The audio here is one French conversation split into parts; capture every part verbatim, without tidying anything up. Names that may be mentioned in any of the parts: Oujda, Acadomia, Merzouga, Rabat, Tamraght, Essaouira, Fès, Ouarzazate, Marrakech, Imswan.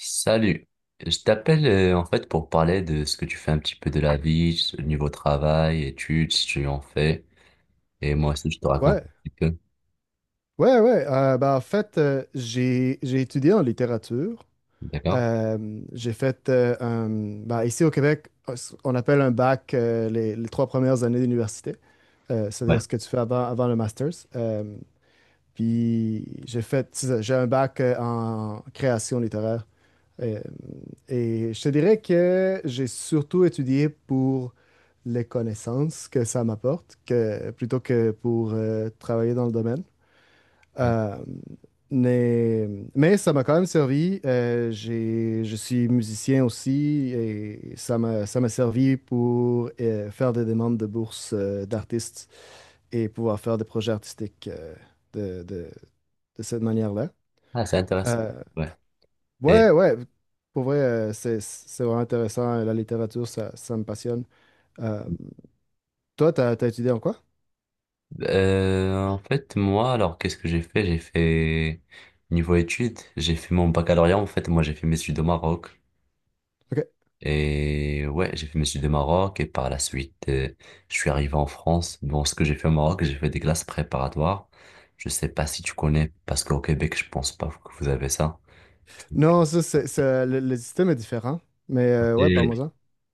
Salut, je t'appelle euh, en fait pour parler de ce que tu fais un petit peu de la vie, ce niveau travail, études, si tu en fais, et moi aussi je te raconte Ouais, un petit peu, ouais, ouais. Euh, ben, en fait, euh, j'ai j'ai étudié en littérature. d'accord? Euh, j'ai fait euh, un- ben, ici au Québec, on appelle un bac euh, les, les trois premières années d'université. Euh, Ouais. C'est-à-dire ce que tu fais avant, avant le master's. Euh, puis j'ai fait, c'est ça, j'ai un bac euh, en création littéraire. Euh, et je te dirais que j'ai surtout étudié pour les connaissances que ça m'apporte, que, plutôt que pour euh, travailler dans le domaine. Euh, mais, mais ça m'a quand même servi. Euh, j'ai, je suis musicien aussi et ça m'a, ça m'a servi pour euh, faire des demandes de bourses euh, d'artistes et pouvoir faire des projets artistiques euh, de, de, de cette manière-là. Ah, c'est intéressant. Euh, Ouais. Et ouais, ouais, pour vrai, euh, c'est, c'est vraiment intéressant. La littérature, ça, ça me passionne. Euh, Toi, t'as, t'as étudié en quoi? euh, en fait, moi, alors qu'est-ce que j'ai fait? J'ai fait niveau études, j'ai fait mon baccalauréat. En fait, moi, j'ai fait mes études au Maroc. OK. Et ouais, j'ai fait mes études au Maroc et par la suite, euh, je suis arrivé en France. Bon, ce que j'ai fait au Maroc, j'ai fait des classes préparatoires. Je sais pas si tu connais, parce qu'au Québec, je pense pas que vous avez ça. Non, ça, c'est, ça- le, le système est différent. Mais euh, ouais, Et... parle-moi-en.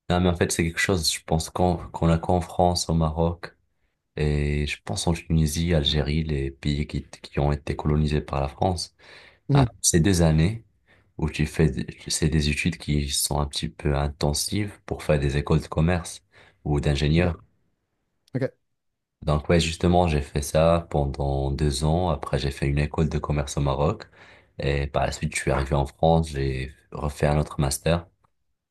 Non, mais en fait, c'est quelque chose, je pense qu'on qu'on a qu'en France, au Maroc, et je pense en Tunisie, Algérie, les pays qui, qui ont été colonisés par la France. Ah, Mhm. ces deux années où tu fais, des- c'est des études qui sont un petit peu intensives pour faire des écoles de commerce ou OK, d'ingénieur. OK, Donc ouais, justement, j'ai fait ça pendant deux ans. Après, j'ai fait une école de commerce au Maroc. Et par la suite, je suis arrivé en France, j'ai refait un autre master.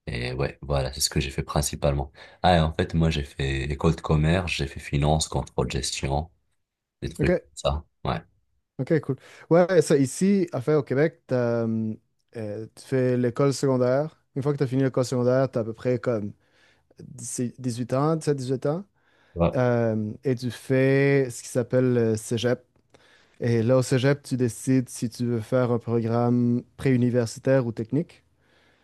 Et ouais, voilà, c'est ce que j'ai fait principalement. Ah, et en fait, moi, j'ai fait école de commerce, j'ai fait finance, contrôle, gestion, des trucs OK, comme ça. Ouais. OK, cool. Ouais, ça, ici, à faire au Québec, t'as, hum, euh, tu fais l'école secondaire. Une fois que tu as fini l'école secondaire, tu as à peu près comme dix dix-huit ans, dix-sept dix-huit ans. Ouais. Euh, et tu fais ce qui s'appelle le cégep. Et là, au cégep, tu décides si tu veux faire un programme préuniversitaire ou technique.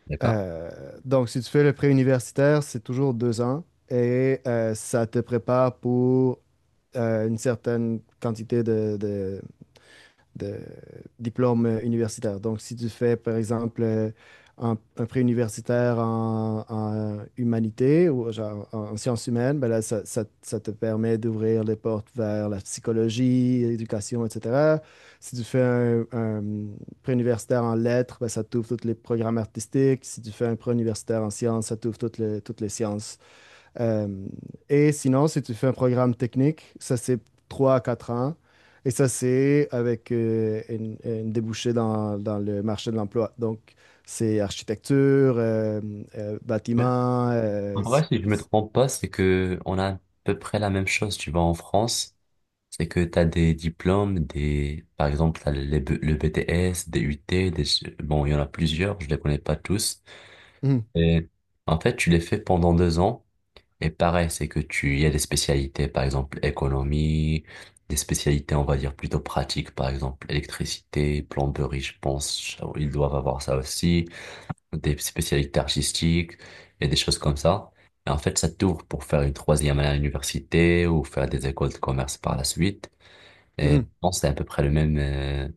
D'accord. Euh, donc, si tu fais le pré-universitaire, c'est toujours deux ans et euh, ça te prépare pour euh, une certaine quantité de, de- de diplôme universitaire. Donc, si tu fais, par exemple, euh, un, pré-universitaire en, en humanité ou genre en, en sciences humaines, ben là, ça, ça- ça te permet d'ouvrir les portes vers la psychologie, l'éducation, et cetera. Si tu fais un, un universitaire en lettres, ben, ça t'ouvre tous les programmes artistiques. Si tu fais un pré-universitaire en sciences, ça t'ouvre toutes les, toutes les sciences. Euh, et sinon, si tu fais un programme technique, ça c'est trois à quatre ans. Et ça c'est avec euh, une, une débouchée dans, dans le marché de l'emploi. Donc, c'est architecture, euh, euh, Ouais. bâtiment. euh, En vrai, s- si je me s- trompe pas, c'est que on a à peu près la même chose, tu vois, en France. C'est que tu as des diplômes, des, par exemple, t'as les B- le B T S, des U T, des... bon, il y en a plusieurs, je les connais pas tous. Mhm, Et en fait, tu les fais pendant deux ans. Et pareil, c'est que tu, il y a des spécialités, par exemple, économie, des spécialités, on va dire, plutôt pratiques, par exemple, électricité, plomberie, je pense, ils doivent avoir ça aussi, des spécialités artistiques et des choses comme ça. Et en fait, ça t'ouvre pour faire une troisième année à l'université ou faire des écoles de commerce par la suite. Et je mhm. pense que c'est à peu près le même. euh,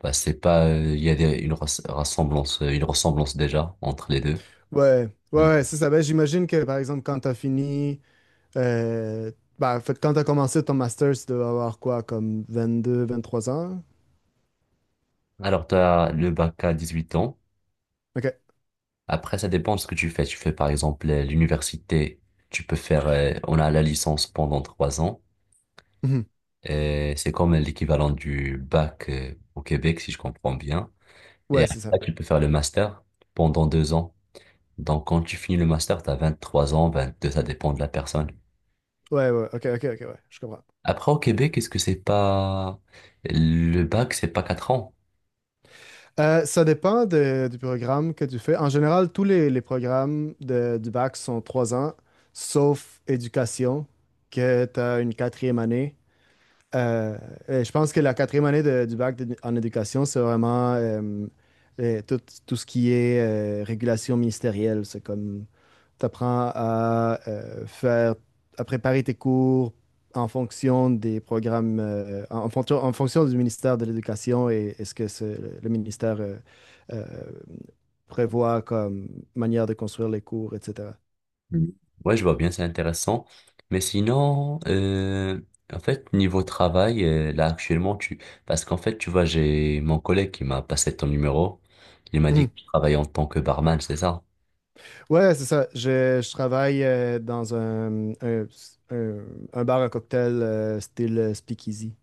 bah, c'est pas. euh, Il y a des- une res- ressemblance, euh, une ressemblance déjà entre les deux. Ouais, ouais, Mm. ouais, c'est ça. Ben, j'imagine que par exemple, quand tu as fini, euh, ben, en fait, quand tu as commencé ton master, tu devais avoir quoi, comme vingt-deux, vingt-trois ans? Alors, tu as le bac à dix-huit ans. Ok. Après, ça dépend de ce que tu fais. Tu fais par exemple euh, l'université. Tu peux faire. euh, on a la licence pendant trois ans. Mhm. Et c'est comme l'équivalent du bac euh, au Québec, si je comprends bien. Et Ouais, c'est ça. après, tu peux faire le master pendant deux ans. Donc, quand tu finis le master, tu as trois ans, vingt-deux ça dépend de la personne. Ouais, ouais, ok, ok, ok, ouais, je comprends. Après, au Québec, est-ce que c'est pas... Le bac, c'est pas quatre ans? Euh, ça dépend de- du programme que tu fais. En général, tous les, les programmes de- du bac sont trois ans, sauf éducation, que tu as une quatrième année. Euh, et je pense que la quatrième année de- du bac de- en éducation, c'est vraiment euh, euh, tout, tout ce qui est euh, régulation ministérielle. C'est comme t'apprends à euh, faire, à préparer tes cours en fonction des programmes, euh, en, en fonction, en fonction du ministère de l'Éducation et, et ce que ce- le ministère euh, euh, prévoit comme manière de construire les cours, et cetera. Mhm. Ouais, je vois bien, c'est intéressant. Mais sinon, euh, en fait, niveau travail, euh, là, actuellement, tu... Parce qu'en fait, tu vois, j'ai mon collègue qui m'a passé ton numéro. Il m'a dit Mhm. que tu travailles en tant que barman, c'est ça? Ouais, c'est ça. Je, je travaille euh, dans un, un, un- un bar à cocktail euh, style speakeasy.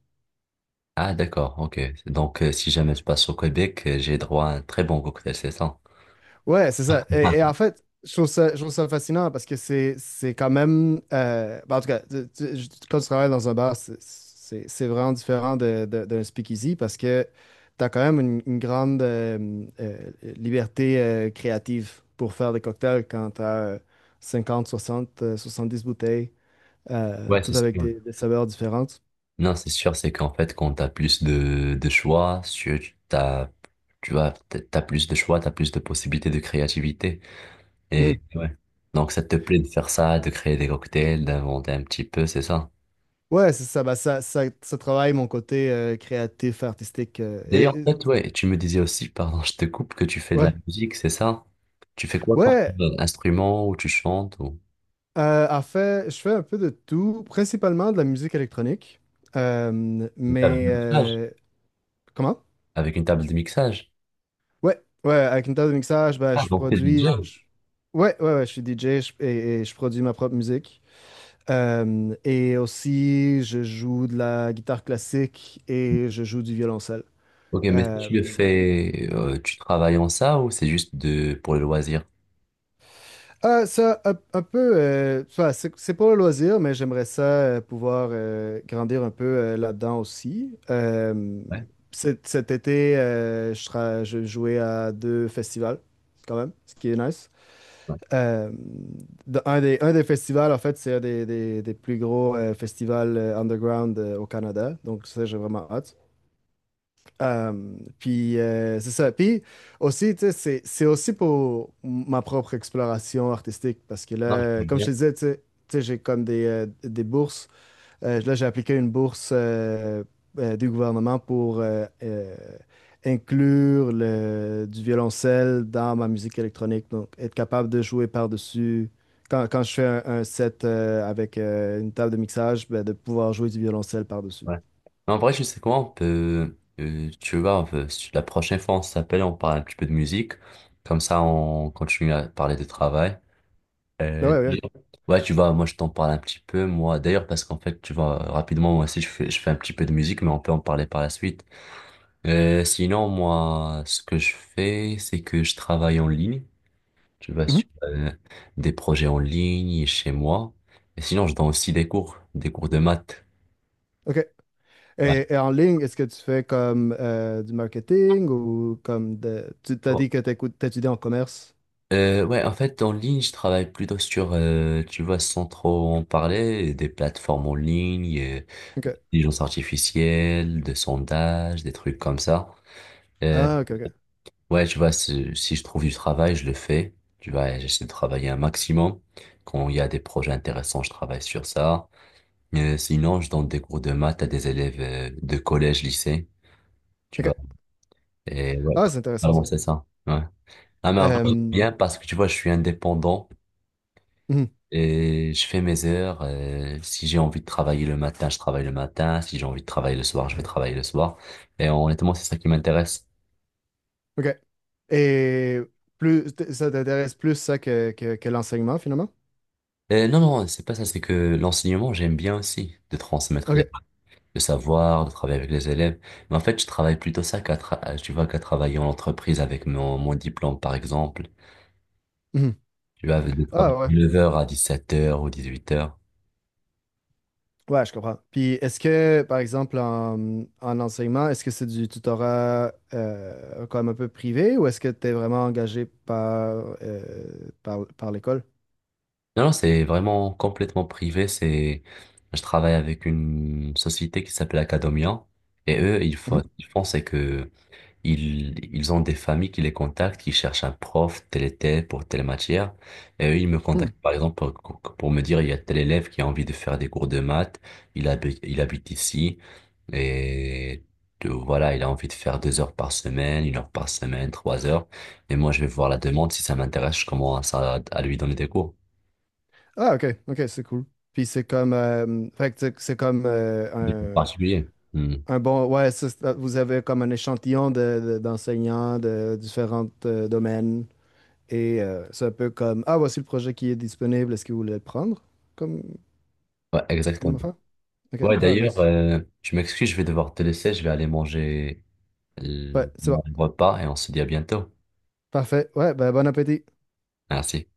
Ah, d'accord, ok. Donc, euh, si jamais je passe au Québec, euh, j'ai droit à un très bon cocktail, c'est ça? Ouais, c'est ça. Et, et en fait, je trouve ça, je trouve ça fascinant parce que c'est, c'est quand même. euh, ben, en tout cas, tu- tu- je- quand tu travailles dans un bar, c'est c'est- c'est vraiment différent de, de- d'un speakeasy parce que tu as quand même une, une grande euh, euh, liberté euh, créative pour faire des cocktails quand tu as cinquante, soixante euh, soixante-dix bouteilles, euh, Ouais, c'est toutes avec sûr. des, des saveurs différentes. Non, c'est sûr, c'est qu'en fait, quand t'as plus de, de choix, tu, t'as, tu vois, t'as t'as plus de choix, t'as plus de possibilités de créativité. Mhm. Et ouais. Donc, ça te plaît de faire ça, de créer des cocktails, d'inventer un petit peu, c'est ça. Ouais, c'est ça. Bah, ça, ça. ça travaille mon côté euh, créatif, artistique. euh, et, D'ailleurs, et- en fait, ouais, tu me disais aussi, pardon, je te coupe, que tu fais de la ouais. musique, c'est ça? Tu fais quoi comme Ouais, euh, instrument ou tu chantes ou Euh, en fait, je fais un peu de tout, principalement de la musique électronique. Euh, une table Mais de mixage? euh, comment? Avec une table de mixage? Ouais, ouais, avec une table de mixage, ben, Ah, je donc t'es D J. produis. je- Ouais, ouais, ouais, je suis D J je- et, et je produis ma propre musique. Euh, et aussi, je joue de la guitare classique et je joue du violoncelle. Ok, mais si tu le Euh, fais, euh, tu travailles en ça ou c'est juste de pour le loisir? Euh, ça, un, un peu, euh, enfin, c'est c'est pour le loisir, mais j'aimerais ça euh, pouvoir euh, grandir un peu euh, là-dedans aussi. Euh, Ouais. cet, cet été, euh, je, sera- je jouais à deux festivals, quand même, ce qui est nice. Euh, de- un des, un des festivals, en fait, c'est un des, des- des plus gros euh, festivals euh, underground euh, au Canada, donc ça, j'ai vraiment hâte. Um, puis euh, c'est ça. Puis aussi, tu sais, c'est c'est aussi pour ma propre exploration artistique parce que Non, je là, vois comme je bien. te disais, tu sais, tu sais, j'ai comme des, euh, des bourses. Euh, là, j'ai appliqué une bourse euh, euh, du gouvernement pour euh, euh, inclure le, du violoncelle dans ma musique électronique. Donc, être capable de jouer par-dessus. Quand, quand je fais un, un set euh, avec euh, une table de mixage, ben, de pouvoir jouer du violoncelle par-dessus. Ouais. Mais en vrai, je sais comment on peut, euh, tu vois, euh, si la prochaine fois on s'appelle, on parle un petit peu de musique. Comme ça, on continue à parler de travail. Ben Euh, ouais, ouais. D'ailleurs, ouais, tu vois, moi, je t'en parle un petit peu, moi, d'ailleurs, parce qu'en fait, tu vois, rapidement, moi aussi, je fais, je fais un petit peu de musique, mais on peut en parler par la suite. Euh, sinon, moi, ce que je fais, c'est que je travaille en ligne. Tu vois, Mhm. sur euh, des projets en ligne chez moi. Et sinon, je donne aussi des cours, des cours de maths. OK. Et, et en ligne, est-ce que tu fais comme euh, du marketing ou comme de... Tu t'as Ouais. dit que t'écoutes- t'étudies en commerce. Euh, ouais, en fait, en ligne, je travaille plutôt sur, euh, tu vois, sans trop en parler, des plateformes en ligne, euh, OK. intelligence artificielle, de sondages, des trucs comme ça. Euh, Ah, OK, OK. ouais, tu vois, si si je trouve du travail, je le fais. Tu vois, j'essaie de travailler un maximum. Quand il y a des projets intéressants, je travaille sur ça. Euh, sinon, je donne des cours de maths à des élèves, euh, de collège, lycée, tu OK. vois. Et ouais, Ah, c'est intéressant vraiment, ça. c'est ça. Ouais. Ah, mais en vrai, Euh, j'aime mhm, bien parce que, tu vois, je suis indépendant. Et je fais mes heures. euh, si j'ai envie de travailler le matin, je travaille le matin. Si j'ai envie de travailler le soir, je vais travailler le soir. Et honnêtement, c'est ça qui m'intéresse. OK. Et plus, t- ça t'intéresse plus ça que, que, que l'enseignement finalement? Et non, non, c'est pas ça. C'est que l'enseignement, j'aime bien aussi de transmettre les, OK. le savoir, de travailler avec les élèves. Mais en fait, je travaille plutôt ça qu'à tra- tu vois, qu'à travailler en entreprise avec mon, mon diplôme, par exemple. Mhm. Tu vas de Ah, travailler ouais. de neuf heures à dix-sept heures ou huit heures. Ouais, je comprends. Puis est-ce que, par exemple, en, en enseignement, est-ce que c'est du tutorat euh, comme un peu privé ou est-ce que tu es vraiment engagé par, euh, par, par l'école? Non, non, c'est vraiment complètement privé. C'est, je travaille avec une société qui s'appelle Acadomia. Et eux, ils font, ils font, c'est que ils, ils ont des familles qui les contactent, qui cherchent un prof tel et tel pour telle matière. Et eux, ils me Mhm. contactent, par exemple, pour, pour me dire, il y a tel élève qui a envie de faire des cours de maths. Il habite, il habite ici. Et de- voilà, il a envie de faire deux heures par semaine, une heure par semaine, trois heures. Et moi, je vais voir la demande. Si ça m'intéresse, je commence à, à lui donner des cours. Ah, ok, ok, c'est cool. Puis c'est comme, euh, fait que c'est c'est comme Des cours euh, un, particuliers. Hmm. un bon, ouais, c'est- c'est- euh, vous avez comme un échantillon de, de- d'enseignants de différents euh, domaines et euh, c'est un peu comme, ah, voici le projet qui est disponible, est-ce que vous voulez le prendre comme, Ouais, comme exactement. fin? Ok, Ouais, ah, d'ailleurs, nice. euh, je m'excuse, je vais devoir te laisser, je vais aller manger Ouais, euh, c'est bon, mon repas et on se dit à bientôt. parfait. Ouais, ben bon appétit. Merci.